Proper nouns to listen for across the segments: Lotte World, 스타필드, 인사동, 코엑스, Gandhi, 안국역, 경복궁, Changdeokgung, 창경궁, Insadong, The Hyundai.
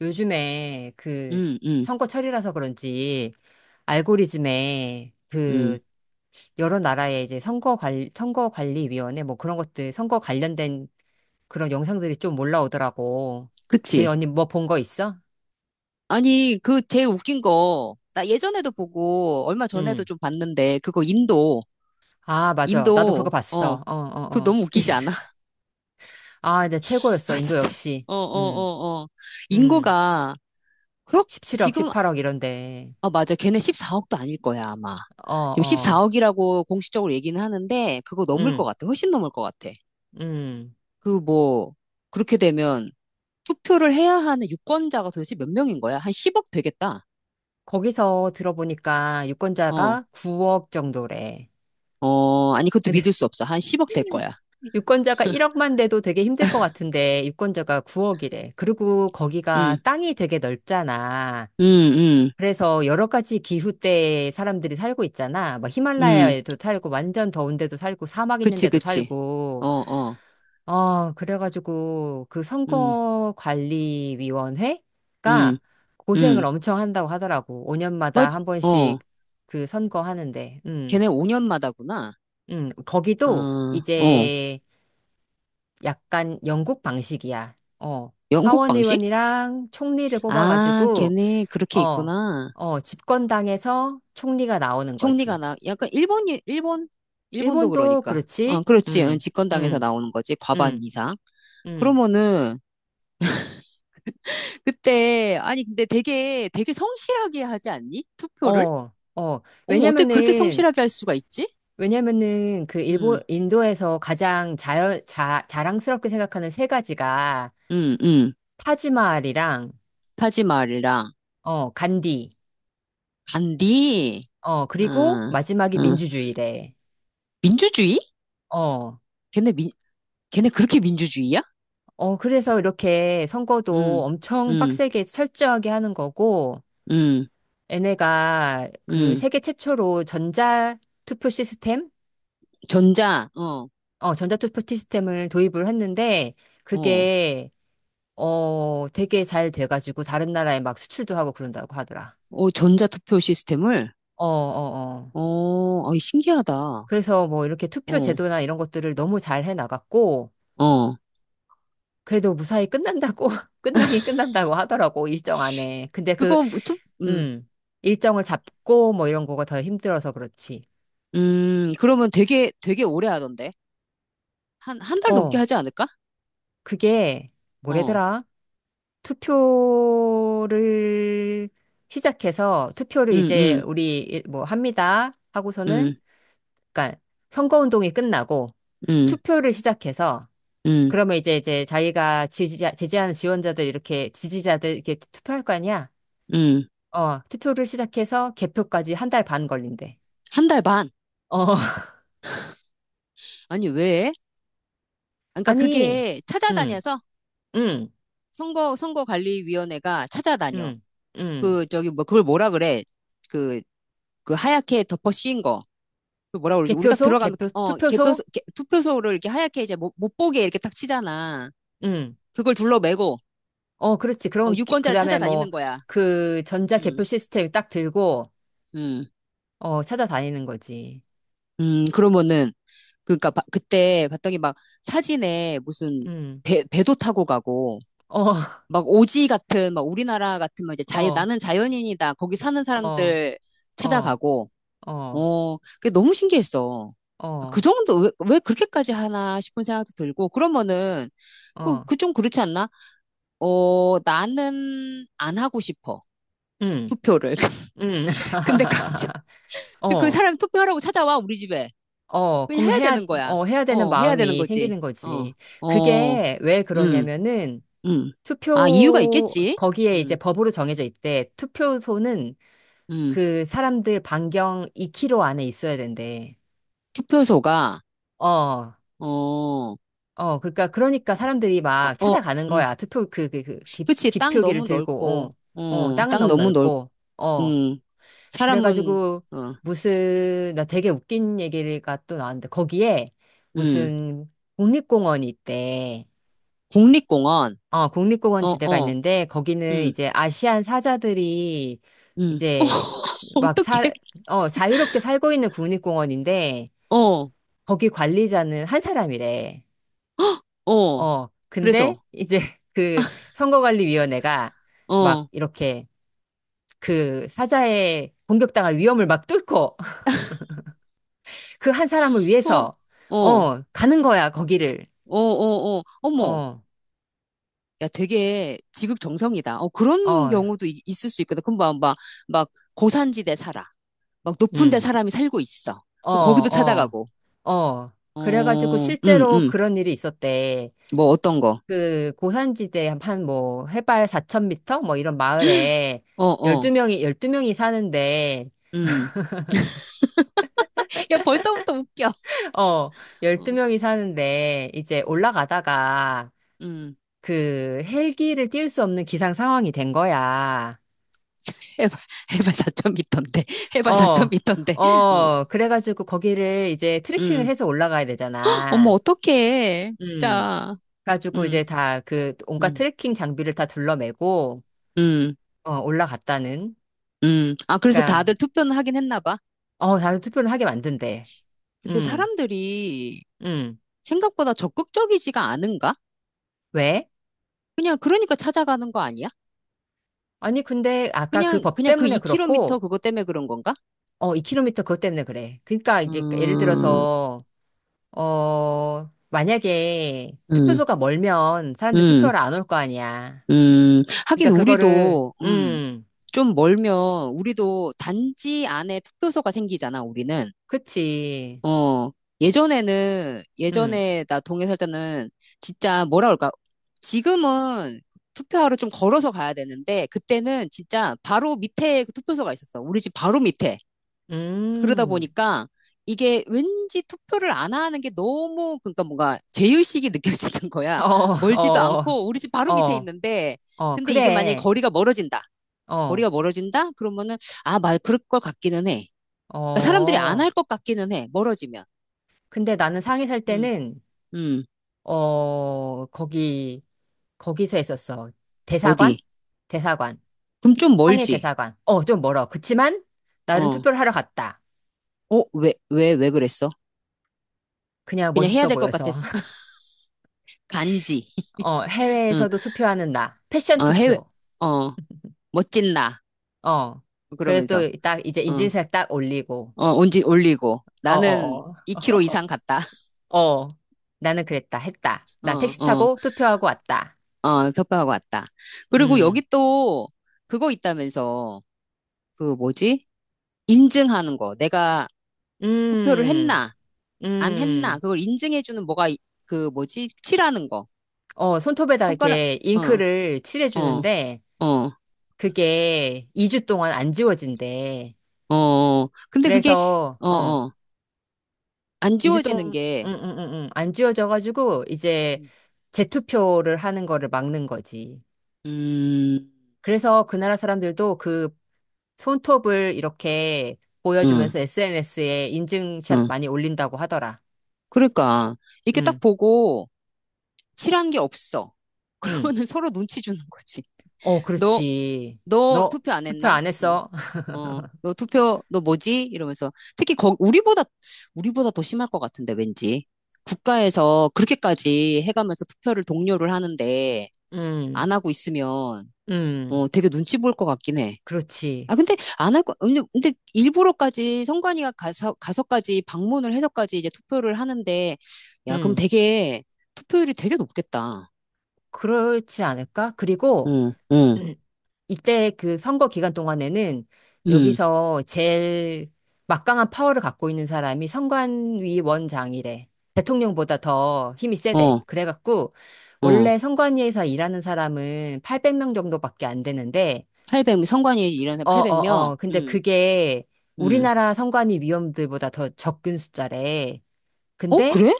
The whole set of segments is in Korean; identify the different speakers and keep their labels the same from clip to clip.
Speaker 1: 요즘에 그
Speaker 2: 음, 음,
Speaker 1: 선거철이라서 그런지 알고리즘에 그
Speaker 2: 음.
Speaker 1: 여러 나라의 이제 선거 관리위원회 뭐 그런 것들 선거 관련된 그런 영상들이 좀 올라오더라고. 그
Speaker 2: 그치.
Speaker 1: 언니 뭐 본 거 있어?
Speaker 2: 아니, 그 제일 웃긴 거, 나 예전에도 보고, 얼마
Speaker 1: 응.
Speaker 2: 전에도 좀 봤는데, 그거 인도,
Speaker 1: 아, 맞아. 나도 그거
Speaker 2: 인도,
Speaker 1: 봤어.
Speaker 2: 어,
Speaker 1: 어, 어,
Speaker 2: 그거
Speaker 1: 어.
Speaker 2: 너무 웃기지 않아?
Speaker 1: 아, 근 최고였어.
Speaker 2: 아,
Speaker 1: 인도
Speaker 2: 진짜.
Speaker 1: 역시.
Speaker 2: 어, 어,
Speaker 1: 응,
Speaker 2: 어, 어.
Speaker 1: 응.
Speaker 2: 인구가, 그렇,
Speaker 1: 17억,
Speaker 2: 지금,
Speaker 1: 18억 이런데.
Speaker 2: 아, 맞아. 걔네 14억도 아닐 거야, 아마.
Speaker 1: 어,
Speaker 2: 지금
Speaker 1: 어.
Speaker 2: 14억이라고 공식적으로 얘기는 하는데, 그거 넘을 것
Speaker 1: 응,
Speaker 2: 같아. 훨씬 넘을 것 같아.
Speaker 1: 응.
Speaker 2: 그 뭐, 그렇게 되면, 투표를 해야 하는 유권자가 도대체 몇 명인 거야? 한 10억 되겠다.
Speaker 1: 거기서 들어보니까
Speaker 2: 어.
Speaker 1: 유권자가 9억 정도래.
Speaker 2: 어, 아니, 그것도 믿을 수 없어. 한 10억 될 거야.
Speaker 1: 유권자가 1억만 돼도 되게 힘들 것 같은데 유권자가 9억이래. 그리고 거기가
Speaker 2: 응,
Speaker 1: 땅이 되게 넓잖아.
Speaker 2: 응, 응,
Speaker 1: 그래서 여러 가지 기후 때 사람들이 살고 있잖아. 막
Speaker 2: 응.
Speaker 1: 히말라야에도 살고 완전 더운데도 살고 사막
Speaker 2: 그치,
Speaker 1: 있는데도
Speaker 2: 그치.
Speaker 1: 살고.
Speaker 2: 어, 어,
Speaker 1: 그래가지고 그
Speaker 2: 응,
Speaker 1: 선거관리위원회가
Speaker 2: 응,
Speaker 1: 고생을
Speaker 2: 응.
Speaker 1: 엄청 한다고 하더라고.
Speaker 2: 뭐,
Speaker 1: 5년마다 한 번씩
Speaker 2: 어,
Speaker 1: 그 선거하는데. 음.
Speaker 2: 걔네 5년마다구나. 어,
Speaker 1: 거기도
Speaker 2: 어.
Speaker 1: 이제 약간 영국 방식이야. 어,
Speaker 2: 영국 방식?
Speaker 1: 하원의원이랑 총리를
Speaker 2: 아,
Speaker 1: 뽑아가지고,
Speaker 2: 걔네 그렇게
Speaker 1: 어,
Speaker 2: 있구나.
Speaker 1: 어, 집권당에서 총리가 나오는
Speaker 2: 총리가
Speaker 1: 거지.
Speaker 2: 나, 약간 일본, 일본? 일본도
Speaker 1: 일본도
Speaker 2: 그러니까.
Speaker 1: 그렇지?
Speaker 2: 어, 그렇지. 응, 집권당에서
Speaker 1: 음,
Speaker 2: 나오는 거지. 과반
Speaker 1: 음,
Speaker 2: 이상.
Speaker 1: 음.
Speaker 2: 그러면은, 그때, 아니, 근데 되게, 되게 성실하게 하지 않니? 투표를?
Speaker 1: 어, 어.
Speaker 2: 어머, 어떻게 그렇게
Speaker 1: 왜냐면은,
Speaker 2: 성실하게 할 수가 있지?
Speaker 1: 왜냐면은 그
Speaker 2: 응,
Speaker 1: 인도에서 가장 자랑스럽게 생각하는 세 가지가
Speaker 2: 응, 응.
Speaker 1: 타지마할이랑,
Speaker 2: 타지마할이랑
Speaker 1: 어, 간디,
Speaker 2: 간디.
Speaker 1: 어,
Speaker 2: 응,
Speaker 1: 그리고 마지막이
Speaker 2: 응.
Speaker 1: 민주주의래.
Speaker 2: 민주주의?
Speaker 1: 어,
Speaker 2: 걔네 민, 걔네 그렇게 민주주의야?
Speaker 1: 어, 그래서 이렇게 선거도
Speaker 2: 응,
Speaker 1: 엄청
Speaker 2: 응,
Speaker 1: 빡세게 철저하게 하는 거고,
Speaker 2: 응,
Speaker 1: 얘네가 그
Speaker 2: 응.
Speaker 1: 세계 최초로 전자투표 시스템?
Speaker 2: 전자, 어,
Speaker 1: 어, 전자투표 시스템을 도입을 했는데,
Speaker 2: 어,
Speaker 1: 그게, 되게 잘 돼가지고 다른 나라에 막 수출도 하고 그런다고 하더라.
Speaker 2: 어, 전자 투표 시스템을,
Speaker 1: 어, 어, 어.
Speaker 2: 어, 어이, 신기하다.
Speaker 1: 그래서 뭐 이렇게 투표
Speaker 2: 어,
Speaker 1: 제도나 이런 것들을 너무 잘 해나갔고,
Speaker 2: 어.
Speaker 1: 그래도 무사히 끝난다고, 끝나긴 끝난다고 하더라고, 일정 안에. 근데 그
Speaker 2: 그거, 뭐 투,
Speaker 1: 음. 일정을 잡고 뭐 이런 거가 더 힘들어서 그렇지.
Speaker 2: 그러면 되게, 되게 오래 하던데. 한 달 넘게
Speaker 1: 어,
Speaker 2: 하지 않을까?
Speaker 1: 그게
Speaker 2: 어,
Speaker 1: 뭐래더라? 투표를 시작해서 투표를
Speaker 2: 응,
Speaker 1: 이제
Speaker 2: 응,
Speaker 1: 우리 뭐 합니다 하고서는
Speaker 2: 응,
Speaker 1: 그러니까 선거운동이 끝나고
Speaker 2: 응,
Speaker 1: 투표를 시작해서
Speaker 2: 응,
Speaker 1: 그러면 이제 자기가 지지자 지지하는 지원자들 이렇게 지지자들 이렇게 투표할 거 아니야?
Speaker 2: 응.
Speaker 1: 어, 투표를 시작해서 개표까지 한 달 반 걸린대.
Speaker 2: 한 달 반.
Speaker 1: 어,
Speaker 2: 아니, 왜? 그러니까
Speaker 1: 아니,
Speaker 2: 그게
Speaker 1: 음,
Speaker 2: 찾아다녀서
Speaker 1: 음,
Speaker 2: 선거관리위원회가 찾아다녀.
Speaker 1: 음, 음.
Speaker 2: 그 저기 뭐 그걸 뭐라 그래? 그 그 하얗게 덮어 씌인 거. 그 뭐라 그러지? 우리 딱 들어가면 어 개표소
Speaker 1: 투표소,
Speaker 2: 개- 투표소를 이렇게 하얗게 이제 못 보게 이렇게 딱 치잖아.
Speaker 1: 응,
Speaker 2: 그걸 둘러매고
Speaker 1: 어, 그렇지.
Speaker 2: 어,
Speaker 1: 그럼, 그
Speaker 2: 유권자를
Speaker 1: 다음에 뭐,
Speaker 2: 찾아다니는 거야.
Speaker 1: 그 전자 개표
Speaker 2: 음.
Speaker 1: 시스템 딱 들고,
Speaker 2: 음.
Speaker 1: 어, 찾아다니는 거지.
Speaker 2: 음. 그러면은 그러니까 바- 그때 봤더니 막 사진에 무슨
Speaker 1: 응,
Speaker 2: 배 배도 타고 가고
Speaker 1: 어,
Speaker 2: 막 오지 같은 막 우리나라 같은 막 이제 자연
Speaker 1: 어,
Speaker 2: 나는 자연인이다. 거기 사는
Speaker 1: 어,
Speaker 2: 사람들
Speaker 1: 어,
Speaker 2: 찾아가고
Speaker 1: 어,
Speaker 2: 어, 그게 너무 신기했어. 아, 그
Speaker 1: 어,
Speaker 2: 정도, 왜 그렇게까지 하나 싶은 생각도 들고, 그러면은, 그,
Speaker 1: 어,
Speaker 2: 그 좀 그렇지 않나? 어, 나는 안 하고 싶어.
Speaker 1: 응,
Speaker 2: 투표를.
Speaker 1: 응.
Speaker 2: 근데 강제, 그
Speaker 1: 어,
Speaker 2: 사람 투표하라고 찾아와, 우리 집에.
Speaker 1: 어,
Speaker 2: 그냥
Speaker 1: 그럼
Speaker 2: 해야
Speaker 1: 해야,
Speaker 2: 되는 거야.
Speaker 1: 어, 해야 되는
Speaker 2: 어, 해야 되는
Speaker 1: 마음이
Speaker 2: 거지.
Speaker 1: 생기는
Speaker 2: 어,
Speaker 1: 거지.
Speaker 2: 어,
Speaker 1: 그게 왜
Speaker 2: 음,
Speaker 1: 그러냐면은,
Speaker 2: 음. 아, 이유가 있겠지?
Speaker 1: 거기에 이제
Speaker 2: 음,
Speaker 1: 법으로 정해져 있대. 투표소는
Speaker 2: 음.
Speaker 1: 그 사람들 반경 2km 안에 있어야 된대.
Speaker 2: 투표소가,
Speaker 1: 어,
Speaker 2: 어, 어,
Speaker 1: 어, 그러니까 사람들이 막
Speaker 2: 어,
Speaker 1: 찾아가는
Speaker 2: 음.
Speaker 1: 거야. 투표 그 기,
Speaker 2: 그치, 땅
Speaker 1: 기표기를
Speaker 2: 너무
Speaker 1: 들고,
Speaker 2: 넓고,
Speaker 1: 어, 어,
Speaker 2: 어,
Speaker 1: 땅은
Speaker 2: 땅
Speaker 1: 너무
Speaker 2: 너무 넓,
Speaker 1: 넓고, 어,
Speaker 2: 음. 사람은,
Speaker 1: 그래가지고
Speaker 2: 어,
Speaker 1: 무슨 나 되게 웃긴 얘기가 또 나왔는데 거기에
Speaker 2: 음,
Speaker 1: 무슨 국립공원이 있대.
Speaker 2: 국립공원,
Speaker 1: 어, 국립공원
Speaker 2: 어,
Speaker 1: 지대가
Speaker 2: 어,
Speaker 1: 있는데 거기는
Speaker 2: 음,
Speaker 1: 이제 아시안 사자들이
Speaker 2: 음, 어,
Speaker 1: 이제 막
Speaker 2: 어떡해,
Speaker 1: 어, 자유롭게 살고 있는 국립공원인데
Speaker 2: 어,
Speaker 1: 거기 관리자는 한 사람이래.
Speaker 2: 어,
Speaker 1: 어, 근데
Speaker 2: 그래서,
Speaker 1: 이제 그 선거관리위원회가
Speaker 2: 어,
Speaker 1: 막
Speaker 2: 어,
Speaker 1: 이렇게 그 사자의 공격당할 위험을 막 뚫고 그 한 사람을
Speaker 2: 어,
Speaker 1: 위해서
Speaker 2: 어,
Speaker 1: 가는 거야, 거기를.
Speaker 2: 어, 어, 어머,
Speaker 1: 어,
Speaker 2: 야, 되게 지극정성이다. 어, 그런
Speaker 1: 어,
Speaker 2: 경우도 이- 있을 수 있거든. 그럼 막, 막, 막 고산지대 살아. 막 높은 데
Speaker 1: 음.
Speaker 2: 사람이 살고 있어.
Speaker 1: 어,
Speaker 2: 그럼 거기도
Speaker 1: 어,
Speaker 2: 찾아가고,
Speaker 1: 어. 그래가지고
Speaker 2: 어,
Speaker 1: 실제로 그런 일이 있었대.
Speaker 2: 뭐 어떤 거,
Speaker 1: 그 고산지대 한 뭐 해발 4천 미터 뭐 이런 마을에
Speaker 2: 어,
Speaker 1: 열두
Speaker 2: 어,
Speaker 1: 명이 12명이 사는데
Speaker 2: 음. 야, 벌써부터 웃겨.
Speaker 1: 어,
Speaker 2: 어,
Speaker 1: 12명이 사는데, 이제
Speaker 2: 음.
Speaker 1: 올라가다가
Speaker 2: 음.
Speaker 1: 그 헬기를 띄울 수 없는 기상 상황이 된 거야.
Speaker 2: 해발, 해발 미터인데 해발 4터
Speaker 1: 어,
Speaker 2: 인데 어,
Speaker 1: 어, 그래가지고 거기를 이제 트레킹을
Speaker 2: 음.
Speaker 1: 해서 올라가야
Speaker 2: 어머,
Speaker 1: 되잖아.
Speaker 2: 어떡해,
Speaker 1: 음.
Speaker 2: 진짜.
Speaker 1: 그래가지고 이제
Speaker 2: 음,
Speaker 1: 다 그 온갖
Speaker 2: 음,
Speaker 1: 트레킹 장비를 다 둘러매고,
Speaker 2: 음,
Speaker 1: 어, 올라갔다는.
Speaker 2: 아, 그래서 다들
Speaker 1: 그니까,
Speaker 2: 투표는 하긴 했나 봐.
Speaker 1: 어, 다른 투표를 하게 만든대.
Speaker 2: 근데
Speaker 1: 음.
Speaker 2: 사람들이
Speaker 1: 음.
Speaker 2: 생각보다 적극적이지가 않은가?
Speaker 1: 왜?
Speaker 2: 그냥, 그러니까 찾아가는 거 아니야?
Speaker 1: 아니, 근데 아까 그
Speaker 2: 그냥,
Speaker 1: 법
Speaker 2: 그냥 그
Speaker 1: 때문에
Speaker 2: 2미
Speaker 1: 그렇고,
Speaker 2: 터 그거 때문에 그런 건가?
Speaker 1: 어, 2km 그것 때문에 그래. 그러니까 이게 예를
Speaker 2: 음,
Speaker 1: 들어서 만약에
Speaker 2: 음,
Speaker 1: 투표소가 멀면 사람들
Speaker 2: 음,
Speaker 1: 투표를 안 올 거 아니야.
Speaker 2: 하긴
Speaker 1: 그러니까 그거를,
Speaker 2: 우리도, 좀 멀면 우리도 단지 안에 투표소가 생기잖아, 우리는.
Speaker 1: 그치.
Speaker 2: 어, 예전에는,
Speaker 1: 음,
Speaker 2: 예전에 나 동해 살 때는 진짜 뭐라 그럴까. 지금은 투표하러 좀 걸어서 가야 되는데, 그때는 진짜 바로 밑에 그 투표소가 있었어. 우리 집 바로 밑에. 그러다
Speaker 1: 음.
Speaker 2: 보니까 이게 왠지 투표를 안 하는 게 너무, 그러니까 뭔가 죄의식이 느껴지는
Speaker 1: 어,
Speaker 2: 거야. 멀지도
Speaker 1: 어,
Speaker 2: 않고 우리 집 바로 밑에
Speaker 1: 어,
Speaker 2: 있는데,
Speaker 1: 어,
Speaker 2: 근데 이게 만약에
Speaker 1: 그래.
Speaker 2: 거리가 멀어진다.
Speaker 1: 어,
Speaker 2: 거리가 멀어진다? 그러면은, 아, 말, 그럴 것 같기는 해. 그러니까 사람들이 안
Speaker 1: 어.
Speaker 2: 할 것 같기는 해. 멀어지면.
Speaker 1: 근데 나는 상해 살
Speaker 2: 음.
Speaker 1: 때는,
Speaker 2: 음.
Speaker 1: 어, 거기서 했었어.
Speaker 2: 어디?
Speaker 1: 대사관? 대사관.
Speaker 2: 그럼 좀
Speaker 1: 상해
Speaker 2: 멀지?
Speaker 1: 대사관. 어, 좀 멀어. 그치만, 나는
Speaker 2: 어.
Speaker 1: 투표를 하러 갔다.
Speaker 2: 어, 왜 그랬어?
Speaker 1: 그냥
Speaker 2: 그냥 해야
Speaker 1: 멋있어
Speaker 2: 될 것
Speaker 1: 보여서.
Speaker 2: 같았어. 간지.
Speaker 1: 어,
Speaker 2: 응.
Speaker 1: 해외에서도 투표하는 나. 패션
Speaker 2: 어, 해외,
Speaker 1: 투표.
Speaker 2: 어, 멋진 나.
Speaker 1: 어. 그래서
Speaker 2: 그러면서,
Speaker 1: 또 딱 이제
Speaker 2: 어.
Speaker 1: 인증샷 딱 올리고.
Speaker 2: 어, 온지 올리고.
Speaker 1: 어,
Speaker 2: 나는
Speaker 1: 어,
Speaker 2: 2kg 이상 갔다.
Speaker 1: 어. 어. 나는 그랬다. 했다.
Speaker 2: 어,
Speaker 1: 난 택시
Speaker 2: 어,
Speaker 1: 타고 투표하고 왔다.
Speaker 2: 어, 협박하고 왔다. 그리고
Speaker 1: 음.
Speaker 2: 여기 또 그거 있다면서. 그 뭐지? 인증하는 거. 내가 투표를
Speaker 1: 음.
Speaker 2: 했나, 안 했나.
Speaker 1: 음.
Speaker 2: 그걸 인증해주는 뭐가, 이- 그 뭐지? 칠하는 거.
Speaker 1: 어, 손톱에다
Speaker 2: 손가락,
Speaker 1: 이렇게
Speaker 2: 어,
Speaker 1: 잉크를
Speaker 2: 어,
Speaker 1: 칠해주는데
Speaker 2: 어.
Speaker 1: 그게 2주 동안 안 지워진대.
Speaker 2: 어, 어. 근데 그게,
Speaker 1: 그래서,
Speaker 2: 어, 어, 안
Speaker 1: 2주 동안,
Speaker 2: 지워지는 게,
Speaker 1: 응, 응, 응, 응. 안 지워져가지고 이제 재투표를 하는 거를 막는 거지.
Speaker 2: 음,
Speaker 1: 그래서 그 나라 사람들도 그 손톱을 이렇게
Speaker 2: 응,
Speaker 1: 보여주면서 SNS에 인증샷
Speaker 2: 응.
Speaker 1: 많이 올린다고 하더라.
Speaker 2: 그러니까, 이렇게
Speaker 1: 응,
Speaker 2: 딱 보고, 칠한 게 없어.
Speaker 1: 응.
Speaker 2: 그러면은 서로 눈치 주는 거지.
Speaker 1: 어,
Speaker 2: 너,
Speaker 1: 그렇지.
Speaker 2: 너
Speaker 1: 너
Speaker 2: 투표 안
Speaker 1: 투표
Speaker 2: 했나?
Speaker 1: 안 했어?
Speaker 2: 어, 너 투표, 너 뭐지? 이러면서. 특히, 거, 우리보다, 우리보다 더 심할 것 같은데, 왠지. 국가에서 그렇게까지 해가면서 투표를 독려를 하는데,
Speaker 1: 응,
Speaker 2: 안 하고 있으면,
Speaker 1: 응.
Speaker 2: 어, 되게 눈치 볼 것 같긴 해.
Speaker 1: 그렇지.
Speaker 2: 아, 근데 안 할 거, 근데, 근데 일부러까지 선관위가 가서, 가서까지 방문을 해서까지 이제 투표를 하는데, 야, 그럼
Speaker 1: 응.
Speaker 2: 되게, 투표율이 되게 높겠다.
Speaker 1: 그렇지 않을까? 그리고
Speaker 2: 응, 응,
Speaker 1: 이때 그 선거 기간 동안에는
Speaker 2: 응,
Speaker 1: 여기서 제일 막강한 파워를 갖고 있는 사람이 선관위 원장이래. 대통령보다 더 힘이 세대.
Speaker 2: 어,
Speaker 1: 그래갖고
Speaker 2: 어.
Speaker 1: 원래 선관위에서 일하는 사람은 800명 정도밖에 안 되는데
Speaker 2: 800, 선관위 일하는
Speaker 1: 어, 어,
Speaker 2: 800명?
Speaker 1: 어. 근데
Speaker 2: 응,
Speaker 1: 그게
Speaker 2: 응.
Speaker 1: 우리나라 선관위 위원들보다 더 적은 숫자래.
Speaker 2: 어,
Speaker 1: 근데
Speaker 2: 그래?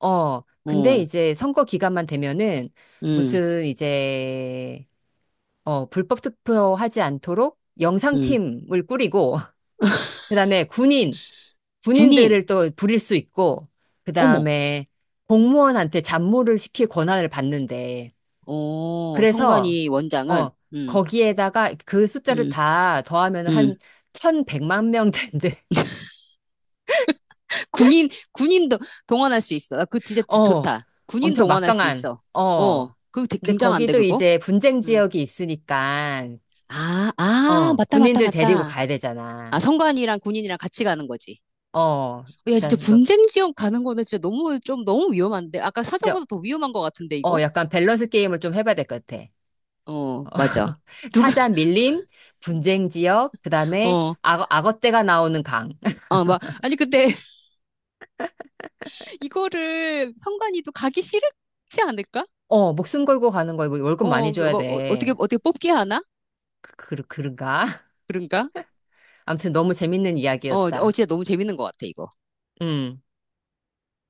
Speaker 2: 어,
Speaker 1: 이제 선거 기간만 되면은
Speaker 2: 응,
Speaker 1: 무슨 이제 불법 투표하지 않도록
Speaker 2: 응.
Speaker 1: 영상팀을 꾸리고, 그다음에
Speaker 2: 군인,
Speaker 1: 군인들을 또 부릴 수 있고,
Speaker 2: 어머,
Speaker 1: 그다음에 공무원한테 잡무를 시킬 권한을 받는데,
Speaker 2: 어,
Speaker 1: 그래서,
Speaker 2: 선관위
Speaker 1: 어,
Speaker 2: 원장은, 응,
Speaker 1: 거기에다가 그 숫자를
Speaker 2: 응,
Speaker 1: 다 더하면 한
Speaker 2: 응.
Speaker 1: 1100만 명 된대.
Speaker 2: 군인, 군인도 동원할 수 있어. 아, 그거 진짜 좋-
Speaker 1: 어,
Speaker 2: 좋다. 군인
Speaker 1: 엄청
Speaker 2: 동원할 수
Speaker 1: 막강한,
Speaker 2: 있어.
Speaker 1: 어.
Speaker 2: 어, 그거 되게
Speaker 1: 근데
Speaker 2: 굉장한데,
Speaker 1: 거기도
Speaker 2: 그거?
Speaker 1: 이제 분쟁
Speaker 2: 음.
Speaker 1: 지역이 있으니까,
Speaker 2: 아, 아,
Speaker 1: 어,
Speaker 2: 맞다, 맞다,
Speaker 1: 군인들 데리고
Speaker 2: 맞다.
Speaker 1: 가야
Speaker 2: 아,
Speaker 1: 되잖아.
Speaker 2: 선관이랑 군인이랑 같이 가는 거지.
Speaker 1: 어,
Speaker 2: 어, 야,
Speaker 1: 자,
Speaker 2: 진짜
Speaker 1: 너,
Speaker 2: 분쟁 지역 가는 거는 진짜 너무, 좀 너무 위험한데? 아까
Speaker 1: 근데
Speaker 2: 사정보다 더 위험한 것 같은데, 이거?
Speaker 1: 약간 밸런스 게임을 좀 해봐야 될 것 같아. 어,
Speaker 2: 어, 맞아. 누가,
Speaker 1: 사자 밀림, 분쟁 지역, 그 다음에
Speaker 2: 어,
Speaker 1: 악어떼가 나오는 강.
Speaker 2: 어, 막, 아니, 근데 이거를 선관이도 가기 싫지 않을까?
Speaker 1: 어, 목숨 걸고 가는 거에 뭐 월급 많이
Speaker 2: 어, 그
Speaker 1: 줘야
Speaker 2: 뭐, 어,
Speaker 1: 돼.
Speaker 2: 어떻게, 어떻게 뽑기 하나?
Speaker 1: 그런가?
Speaker 2: 그런가?
Speaker 1: 아무튼 너무 재밌는
Speaker 2: 어, 어,
Speaker 1: 이야기였다.
Speaker 2: 진짜 너무 재밌는 것 같아, 이거.
Speaker 1: 음.